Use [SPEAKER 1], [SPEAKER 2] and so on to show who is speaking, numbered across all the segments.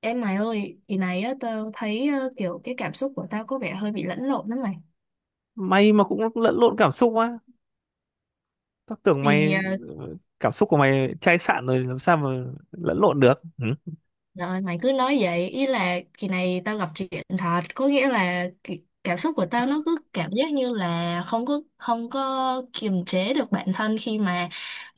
[SPEAKER 1] Em mày ơi, ý này á, tao thấy kiểu cái cảm xúc của tao có vẻ hơi bị lẫn lộn lắm mày.
[SPEAKER 2] Mày mà cũng lẫn lộn cảm xúc á? Tao tưởng
[SPEAKER 1] Thì
[SPEAKER 2] mày
[SPEAKER 1] ờ,
[SPEAKER 2] ờ, cảm xúc của mày chai sạn rồi làm sao mà lẫn lộn được, ừ?
[SPEAKER 1] rồi mày cứ nói vậy, ý là kỳ này tao gặp chuyện thật, có nghĩa là cái cảm xúc của tao nó cứ cảm giác như là không có kiềm chế được bản thân khi mà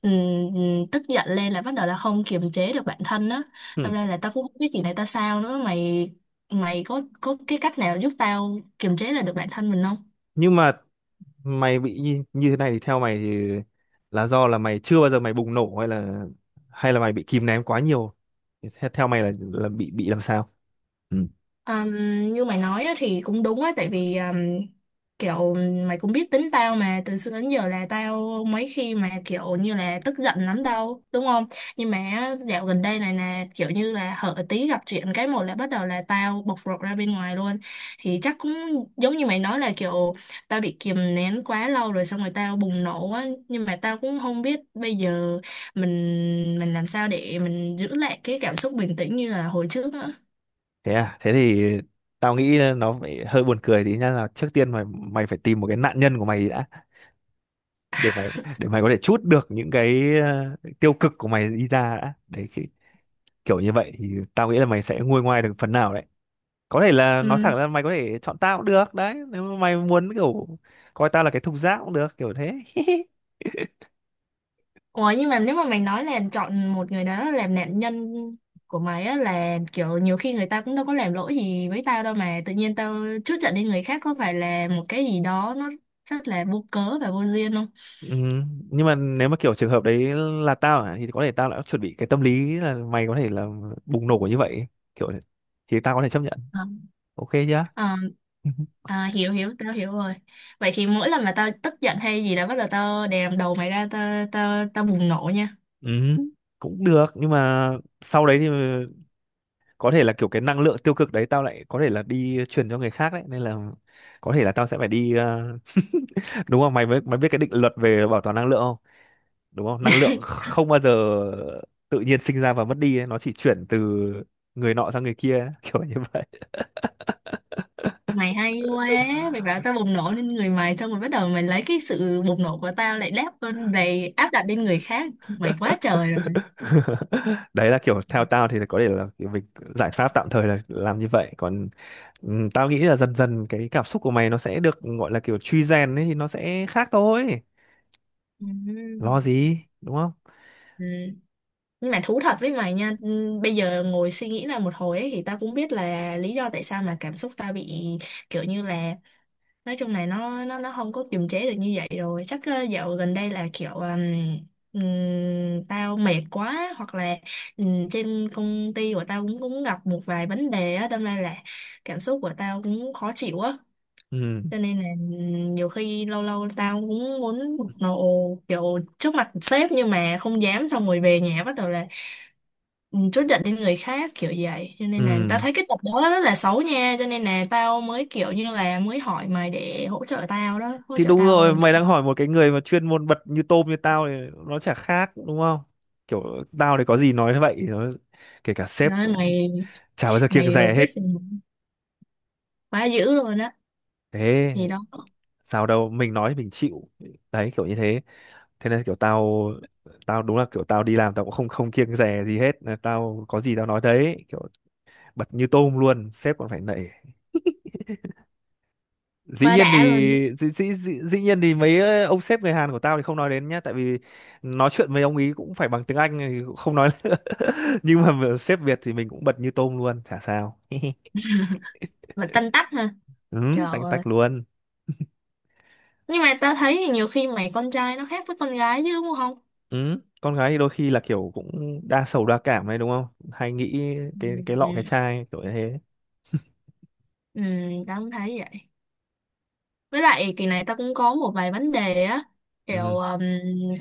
[SPEAKER 1] tức giận lên là bắt đầu là không kiềm chế được bản thân á.
[SPEAKER 2] Ừ.
[SPEAKER 1] Đâm ra là tao cũng không biết kỳ này tao sao nữa, mày mày có cái cách nào giúp tao kiềm chế lại được bản thân mình không?
[SPEAKER 2] Nhưng mà mày bị như thế này thì theo mày thì là do là mày chưa bao giờ mày bùng nổ, hay là mày bị kìm nén quá nhiều? Thì theo mày là bị làm sao, ừ?
[SPEAKER 1] Um, Như mày nói á, thì cũng đúng á tại vì kiểu mày cũng biết tính tao mà từ xưa đến giờ là tao mấy khi mà kiểu như là tức giận lắm đâu đúng không, nhưng mà á, dạo gần đây này nè kiểu như là hở tí gặp chuyện cái một là bắt đầu là tao bộc lộ ra bên ngoài luôn, thì chắc cũng giống như mày nói là kiểu tao bị kìm nén quá lâu rồi xong rồi tao bùng nổ á, nhưng mà tao cũng không biết bây giờ mình mình làm sao để mình giữ lại cái cảm xúc bình tĩnh như là hồi trước
[SPEAKER 2] Thế à? Thế thì tao nghĩ nó phải hơi buồn cười tí nhá, là trước tiên mày mày phải tìm một cái nạn nhân của mày đã, để mày để mày có thể trút được những cái tiêu cực của mày đi ra đã đấy khi, kiểu như vậy thì tao nghĩ là mày sẽ nguôi ngoai được phần nào đấy. Có thể là nói
[SPEAKER 1] nữa.
[SPEAKER 2] thẳng ra, mày có thể chọn tao cũng được đấy, nếu mà mày muốn, kiểu coi tao là cái thùng rác cũng được, kiểu thế.
[SPEAKER 1] Ủa nhưng mà nếu mà mày nói là chọn một người đó làm nạn nhân của mày á, là kiểu nhiều khi người ta cũng đâu có làm lỗi gì với tao đâu mà tự nhiên tao trút giận đi người khác có phải là một cái gì đó nó rất là vô cớ và vô duyên không?
[SPEAKER 2] Ừ, nhưng mà nếu mà kiểu trường hợp đấy là tao à, thì có thể tao đã chuẩn bị cái tâm lý là mày có thể là bùng nổ như vậy, kiểu thế. Thì tao có thể chấp nhận.
[SPEAKER 1] Ờ.
[SPEAKER 2] Ok chưa?
[SPEAKER 1] Ờ, à, hiểu hiểu tao hiểu rồi. Vậy thì mỗi lần mà tao tức giận hay gì đó bắt đầu tao đè đầu mày ra tao tao tao bùng nổ nha.
[SPEAKER 2] Ừ, cũng được, nhưng mà sau đấy thì có thể là kiểu cái năng lượng tiêu cực đấy tao lại có thể là đi truyền cho người khác đấy, nên là có thể là tao sẽ phải đi, đúng không mày mới biết cái định luật về bảo toàn năng lượng không? Đúng không, năng lượng không bao giờ tự nhiên sinh ra và mất đi ấy. Nó chỉ chuyển từ người nọ sang người kia ấy. Kiểu như vậy.
[SPEAKER 1] Mày hay quá, mày bảo tao bùng nổ lên người mày xong rồi bắt đầu mày lấy cái sự bùng nổ của tao lại đáp lên về áp đặt lên người khác, mày quá trời rồi.
[SPEAKER 2] Đấy, là kiểu theo tao thì có thể là kiểu mình giải pháp tạm thời là làm như vậy, còn tao nghĩ là dần dần cái cảm xúc của mày nó sẽ được gọi là kiểu truy rèn ấy thì nó sẽ khác thôi,
[SPEAKER 1] Ừ.
[SPEAKER 2] lo gì đúng không.
[SPEAKER 1] Ừ. Nhưng mà thú thật với mày nha, ừ, bây giờ ngồi suy nghĩ lại một hồi ấy, thì tao cũng biết là lý do tại sao mà cảm xúc tao bị kiểu như là nói chung này nó không có kiềm chế được như vậy rồi, chắc dạo gần đây là kiểu tao mệt quá hoặc là trên công ty của tao cũng cũng gặp một vài vấn đề á, đâm ra là cảm xúc của tao cũng khó chịu á,
[SPEAKER 2] Ừ,
[SPEAKER 1] cho nên là ừ, nhiều khi lâu lâu tao cũng muốn một nầu kiểu trước mặt sếp nhưng mà không dám xong rồi về nhà bắt đầu là ừ, trút giận lên người khác kiểu vậy, cho nên là tao
[SPEAKER 2] ừ.
[SPEAKER 1] thấy cái tập đó rất là xấu nha, cho nên là tao mới kiểu như là mới hỏi mày để hỗ trợ tao đó, hỗ
[SPEAKER 2] Thì
[SPEAKER 1] trợ
[SPEAKER 2] đúng
[SPEAKER 1] tao
[SPEAKER 2] rồi,
[SPEAKER 1] làm
[SPEAKER 2] mày
[SPEAKER 1] sao.
[SPEAKER 2] đang hỏi một cái người mà chuyên môn bật như tôm như tao thì nó chả khác đúng không, kiểu tao thì có gì nói vậy, nó kể cả sếp
[SPEAKER 1] Trời ơi,
[SPEAKER 2] cũng
[SPEAKER 1] mày
[SPEAKER 2] chả bao giờ kiêng
[SPEAKER 1] mày
[SPEAKER 2] dè hết.
[SPEAKER 1] professional quá dữ luôn á,
[SPEAKER 2] Thế,
[SPEAKER 1] thì đó
[SPEAKER 2] sao đâu, mình nói mình chịu. Đấy, kiểu như thế. Thế nên kiểu tao tao đúng là kiểu tao đi làm tao cũng không không kiêng dè gì hết. Là tao có gì tao nói đấy, kiểu bật như tôm luôn, sếp còn phải nể. dĩ
[SPEAKER 1] quá
[SPEAKER 2] nhiên thì
[SPEAKER 1] đã luôn,
[SPEAKER 2] dĩ nhiên thì mấy ông sếp người Hàn của tao thì không nói đến nhá, tại vì nói chuyện với ông ý cũng phải bằng tiếng Anh thì cũng không nói nữa. Nhưng mà sếp Việt thì mình cũng bật như tôm luôn, chả sao.
[SPEAKER 1] mà tanh tách ha.
[SPEAKER 2] Ừ,
[SPEAKER 1] Trời
[SPEAKER 2] tanh
[SPEAKER 1] ơi.
[SPEAKER 2] tách luôn.
[SPEAKER 1] Nhưng mà tao thấy nhiều khi mày con trai nó khác với con gái chứ đúng không?
[SPEAKER 2] Ừ, con gái thì đôi khi là kiểu cũng đa sầu đa cảm đấy đúng không, hay nghĩ cái lọ cái
[SPEAKER 1] Ừ.
[SPEAKER 2] chai, kiểu như thế.
[SPEAKER 1] Ừ, tao cũng thấy vậy. Với lại kỳ này tao cũng có một vài vấn đề á. Kiểu
[SPEAKER 2] Ừ,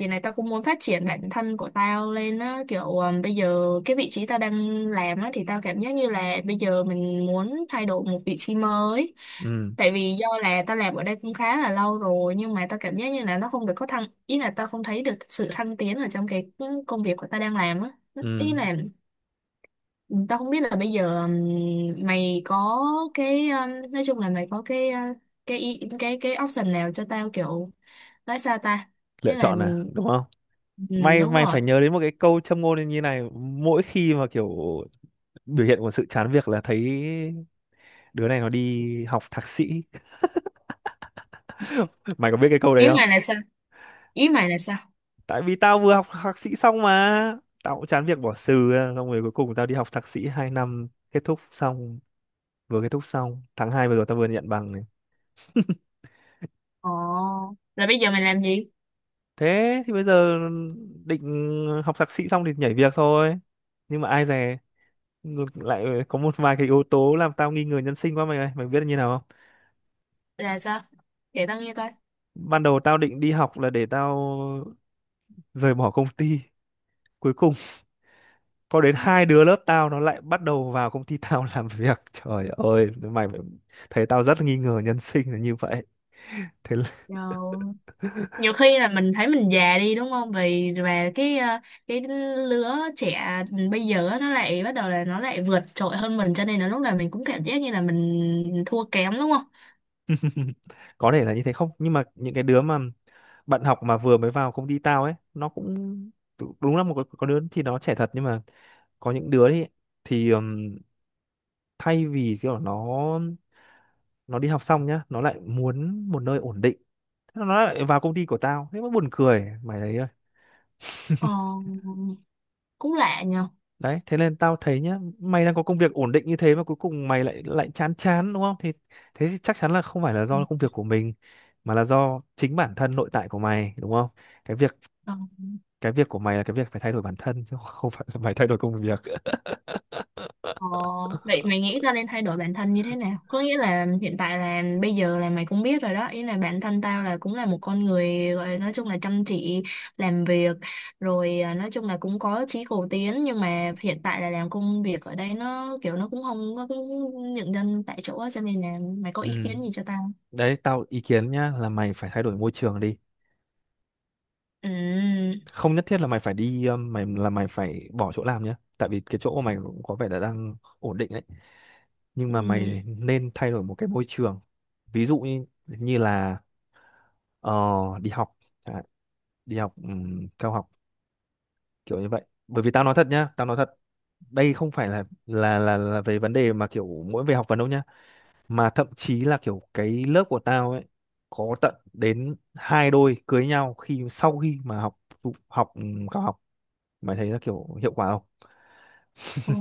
[SPEAKER 1] kỳ này tao cũng muốn phát triển bản thân của tao lên á. Kiểu bây giờ cái vị trí tao đang làm á thì tao cảm giác như là bây giờ mình muốn thay đổi một vị trí mới.
[SPEAKER 2] ừ,
[SPEAKER 1] Tại vì do là tao làm ở đây cũng khá là lâu rồi nhưng mà tao cảm giác như là nó không được có thăng, ý là tao không thấy được sự thăng tiến ở trong cái công việc của tao đang làm á. Ý
[SPEAKER 2] ừ.
[SPEAKER 1] là tao không biết là bây giờ mày có cái nói chung là mày có cái cái option nào cho tao kiểu nói sao ta,
[SPEAKER 2] Lựa
[SPEAKER 1] nghĩa là
[SPEAKER 2] chọn à đúng không. may
[SPEAKER 1] đúng
[SPEAKER 2] may
[SPEAKER 1] rồi.
[SPEAKER 2] phải nhớ đến một cái câu châm ngôn như này, mỗi khi mà kiểu biểu hiện của sự chán việc là thấy đứa này nó đi học thạc sĩ. Mày có biết cái câu đấy
[SPEAKER 1] Ý
[SPEAKER 2] không?
[SPEAKER 1] mày là sao? Ý mày là sao?
[SPEAKER 2] Tại vì tao vừa học thạc sĩ xong mà tao cũng chán việc bỏ xừ ra. Xong rồi cuối cùng tao đi học thạc sĩ 2 năm kết thúc xong, vừa kết thúc xong tháng 2 vừa rồi tao vừa nhận bằng này.
[SPEAKER 1] Ồ. Là bây giờ mày làm gì?
[SPEAKER 2] Thế thì bây giờ định học thạc sĩ xong thì nhảy việc thôi, nhưng mà ai dè ngược lại có một vài cái yếu tố làm tao nghi ngờ nhân sinh quá mày ơi, mày biết là như nào không?
[SPEAKER 1] Là sao? Kể tao nghe coi.
[SPEAKER 2] Ban đầu tao định đi học là để tao rời bỏ công ty, cuối cùng có đến hai đứa lớp tao nó lại bắt đầu vào công ty tao làm việc, trời ơi thấy tao rất nghi ngờ nhân sinh là như vậy. Thế là,
[SPEAKER 1] Nhiều nhiều khi là mình thấy mình già đi đúng không, vì và cái cái lứa trẻ bây giờ á, nó lại bắt đầu là nó lại vượt trội hơn mình cho nên là lúc nào mình cũng cảm giác như là mình thua kém đúng không?
[SPEAKER 2] có thể là như thế không, nhưng mà những cái đứa mà bạn học mà vừa mới vào công ty tao ấy nó cũng đúng là có đứa thì nó trẻ thật, nhưng mà có những đứa thì thay vì kiểu nó đi học xong nhá nó lại muốn một nơi ổn định. Thế nó lại vào công ty của tao, thế mới buồn cười mày thấy.
[SPEAKER 1] Ờ, cũng lạ nhờ.
[SPEAKER 2] Đấy, thế nên tao thấy nhá, mày đang có công việc ổn định như thế mà cuối cùng mày lại lại chán chán đúng không, thì thế thì chắc chắn là không phải là do công việc của mình, mà là do chính bản thân nội tại của mày đúng không. cái việc
[SPEAKER 1] Ờ,
[SPEAKER 2] cái việc của mày là cái việc phải thay đổi bản thân chứ, không phải là mày thay đổi công việc.
[SPEAKER 1] ờ, vậy mày nghĩ tao nên thay đổi bản thân như thế nào? Có nghĩa là hiện tại là bây giờ là mày cũng biết rồi đó. Ý là bản thân tao là cũng là một con người gọi là nói chung là chăm chỉ làm việc. Rồi à, nói chung là cũng có chí cầu tiến. Nhưng mà hiện tại là làm công việc ở đây nó kiểu nó cũng không có cũng nhận dân tại chỗ á, cho nên là mày có
[SPEAKER 2] Ừ.
[SPEAKER 1] ý kiến gì cho tao không?
[SPEAKER 2] Đấy, tao ý kiến nhá, là mày phải thay đổi môi trường đi,
[SPEAKER 1] Ừ.
[SPEAKER 2] không nhất thiết là mày phải đi, mày là mày phải bỏ chỗ làm nhá, tại vì cái chỗ của mày cũng có vẻ là đang ổn định đấy, nhưng
[SPEAKER 1] Ừ.
[SPEAKER 2] mà mày nên thay đổi một cái môi trường. Ví dụ như như là, Ờ, đi học chẳng đi học cao học, kiểu như vậy. Bởi vì tao nói thật nhá, tao nói thật, đây không phải là về vấn đề mà kiểu mỗi về học vấn đâu nhá, mà thậm chí là kiểu cái lớp của tao ấy có tận đến hai đôi cưới nhau khi sau khi mà học học cao học, mày thấy là kiểu hiệu quả không?
[SPEAKER 1] Ừ.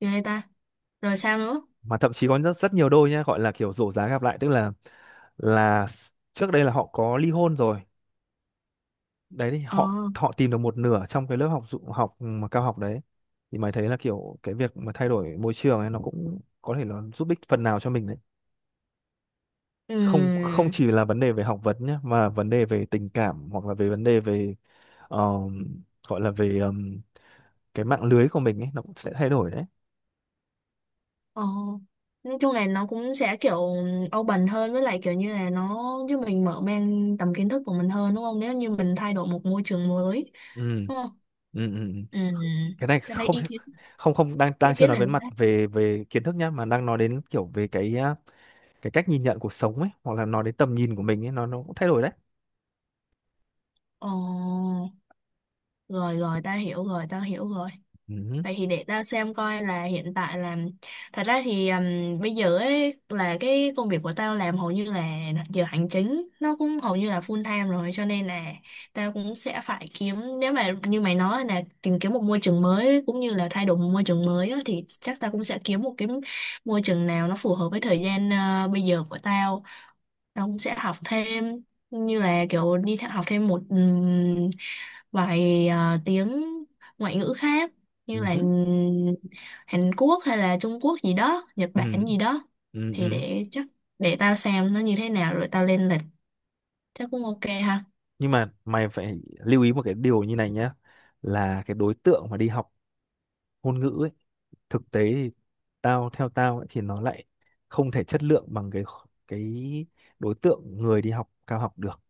[SPEAKER 1] Ghê ta. Rồi sao nữa?
[SPEAKER 2] Mà thậm chí có rất rất nhiều đôi nhá, gọi là kiểu rổ giá gặp lại, tức là trước đây là họ có ly hôn rồi, đấy thì
[SPEAKER 1] Ờ.
[SPEAKER 2] họ họ tìm được một nửa trong cái lớp học mà cao học đấy, thì mày thấy là kiểu cái việc mà thay đổi môi trường ấy nó cũng có thể là giúp ích phần nào cho mình đấy. Không không
[SPEAKER 1] Ừ.
[SPEAKER 2] chỉ là vấn đề về học vấn nhé, mà vấn đề về tình cảm, hoặc là về vấn đề về, ờ, gọi là về, cái mạng lưới của mình ấy nó cũng sẽ thay đổi đấy.
[SPEAKER 1] Ờ, nói chung là nó cũng sẽ kiểu open hơn với lại kiểu như là nó giúp mình mở mang tầm kiến thức của mình hơn đúng không? Nếu như mình thay đổi một môi trường mới
[SPEAKER 2] Ừ,
[SPEAKER 1] đúng không?
[SPEAKER 2] ừ, ừ. Ừ.
[SPEAKER 1] Ừ,
[SPEAKER 2] cái này
[SPEAKER 1] ta thấy
[SPEAKER 2] không thể- không không đang
[SPEAKER 1] ý
[SPEAKER 2] đang chưa
[SPEAKER 1] kiến
[SPEAKER 2] nói
[SPEAKER 1] này
[SPEAKER 2] đến mặt về về kiến thức nhá, mà đang nói đến kiểu về cái cách nhìn nhận cuộc sống ấy, hoặc là nói đến tầm nhìn của mình ấy nó cũng thay đổi đấy.
[SPEAKER 1] ờ, rồi rồi ta hiểu rồi, ta hiểu rồi.
[SPEAKER 2] Ừ.
[SPEAKER 1] Vậy thì để tao xem coi là hiện tại là thật ra thì bây giờ ấy là cái công việc của tao làm hầu như là giờ hành chính nó cũng hầu như là full time rồi cho nên là tao cũng sẽ phải kiếm, nếu mà như mày nói là tìm kiếm một môi trường mới cũng như là thay đổi một môi trường mới á, thì chắc tao cũng sẽ kiếm một cái môi trường nào nó phù hợp với thời gian bây giờ của tao, ông sẽ học thêm như là kiểu đi theo học thêm một vài tiếng ngoại ngữ khác như
[SPEAKER 2] Ừ,
[SPEAKER 1] là
[SPEAKER 2] hứ,
[SPEAKER 1] Hàn Quốc hay là Trung Quốc gì đó, Nhật
[SPEAKER 2] ừ,
[SPEAKER 1] Bản gì đó.
[SPEAKER 2] ừ,
[SPEAKER 1] Thì
[SPEAKER 2] ừ.
[SPEAKER 1] để chắc để tao xem nó như thế nào rồi tao lên lịch chắc cũng ok ha.
[SPEAKER 2] Nhưng mà mày phải lưu ý một cái điều như này nhá, là cái đối tượng mà đi học ngôn ngữ ấy, thực tế thì theo tao ấy, thì nó lại không thể chất lượng bằng cái đối tượng người đi học cao học được,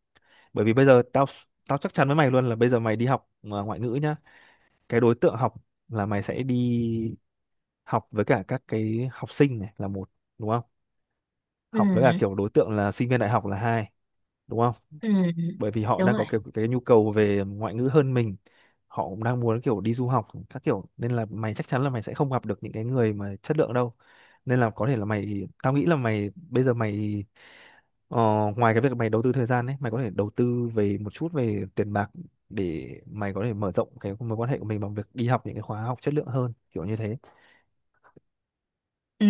[SPEAKER 2] bởi vì bây giờ tao tao chắc chắn với mày luôn là bây giờ mày đi học mà ngoại ngữ nhá, cái đối tượng học là mày sẽ đi học với cả các cái học sinh này là một đúng không,
[SPEAKER 1] Ừ,
[SPEAKER 2] học với cả kiểu đối tượng là sinh viên đại học là hai đúng không.
[SPEAKER 1] ừ,
[SPEAKER 2] Bởi vì họ
[SPEAKER 1] đúng
[SPEAKER 2] đang
[SPEAKER 1] rồi.
[SPEAKER 2] có kiểu cái nhu cầu về ngoại ngữ hơn mình, họ cũng đang muốn kiểu đi du học các kiểu, nên là mày chắc chắn là mày sẽ không gặp được những cái người mà chất lượng đâu, nên là có thể là mày, tao nghĩ là mày bây giờ mày, ờ, ngoài cái việc mày đầu tư thời gian ấy, mày có thể đầu tư về một chút về tiền bạc để mày có thể mở rộng cái mối quan hệ của mình bằng việc đi học những cái khóa học chất lượng hơn, kiểu như
[SPEAKER 1] Ừ.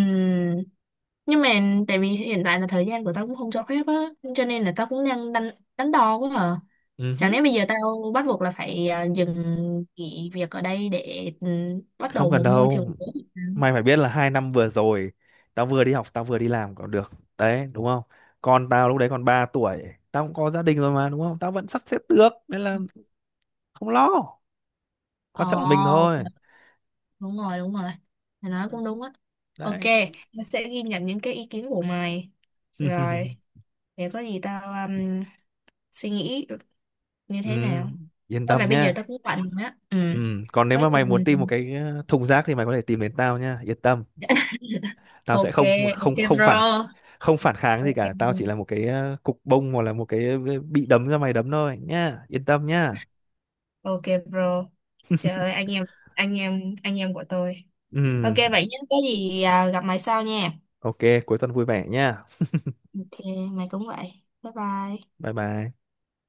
[SPEAKER 1] Nhưng mà tại vì hiện tại là thời gian của tao cũng không cho phép á, cho nên là tao cũng đang đánh đánh đo quá à.
[SPEAKER 2] thế.
[SPEAKER 1] Chẳng lẽ bây giờ tao bắt buộc là phải à, dừng nghỉ việc ở đây để ừ, bắt
[SPEAKER 2] Không
[SPEAKER 1] đầu
[SPEAKER 2] cần
[SPEAKER 1] một môi trường
[SPEAKER 2] đâu,
[SPEAKER 1] mới hả?
[SPEAKER 2] mày phải biết là 2 năm vừa rồi tao vừa đi học tao vừa đi làm còn được đấy đúng không, con tao lúc đấy còn 3 tuổi, tao cũng có gia đình rồi mà đúng không, tao vẫn sắp xếp được, nên là không lo, quan trọng là mình
[SPEAKER 1] Ồ,
[SPEAKER 2] thôi.
[SPEAKER 1] đúng rồi, đúng rồi. Mày nói cũng đúng á. Ok,
[SPEAKER 2] Đấy.
[SPEAKER 1] tao sẽ ghi nhận những cái ý kiến của mày. Rồi, để có gì tao suy nghĩ như
[SPEAKER 2] Ừ,
[SPEAKER 1] thế nào.
[SPEAKER 2] yên
[SPEAKER 1] Thôi mà
[SPEAKER 2] tâm
[SPEAKER 1] bây giờ
[SPEAKER 2] nhá.
[SPEAKER 1] tao cũng bận á. Ừ,
[SPEAKER 2] Ừ. Còn nếu
[SPEAKER 1] có
[SPEAKER 2] mà
[SPEAKER 1] gì...
[SPEAKER 2] mày muốn tìm một
[SPEAKER 1] mình-
[SPEAKER 2] cái, thùng rác thì mày có thể tìm đến tao nhá, yên tâm, tao sẽ
[SPEAKER 1] Ok,
[SPEAKER 2] không không
[SPEAKER 1] ok
[SPEAKER 2] không phản
[SPEAKER 1] bro.
[SPEAKER 2] không phản kháng gì
[SPEAKER 1] Ok,
[SPEAKER 2] cả, tao chỉ là một cái, cục bông, hoặc là một cái, bị đấm cho mày đấm thôi nhá, yên tâm nhá.
[SPEAKER 1] ok bro. Trời ơi, anh em, anh em, anh em của tôi.
[SPEAKER 2] Ừ.
[SPEAKER 1] Ok vậy nhé, có gì à, gặp mày sau nha.
[SPEAKER 2] Ok, cuối tuần vui vẻ nha.
[SPEAKER 1] Ok, mày cũng vậy. Bye bye.
[SPEAKER 2] Bye bye.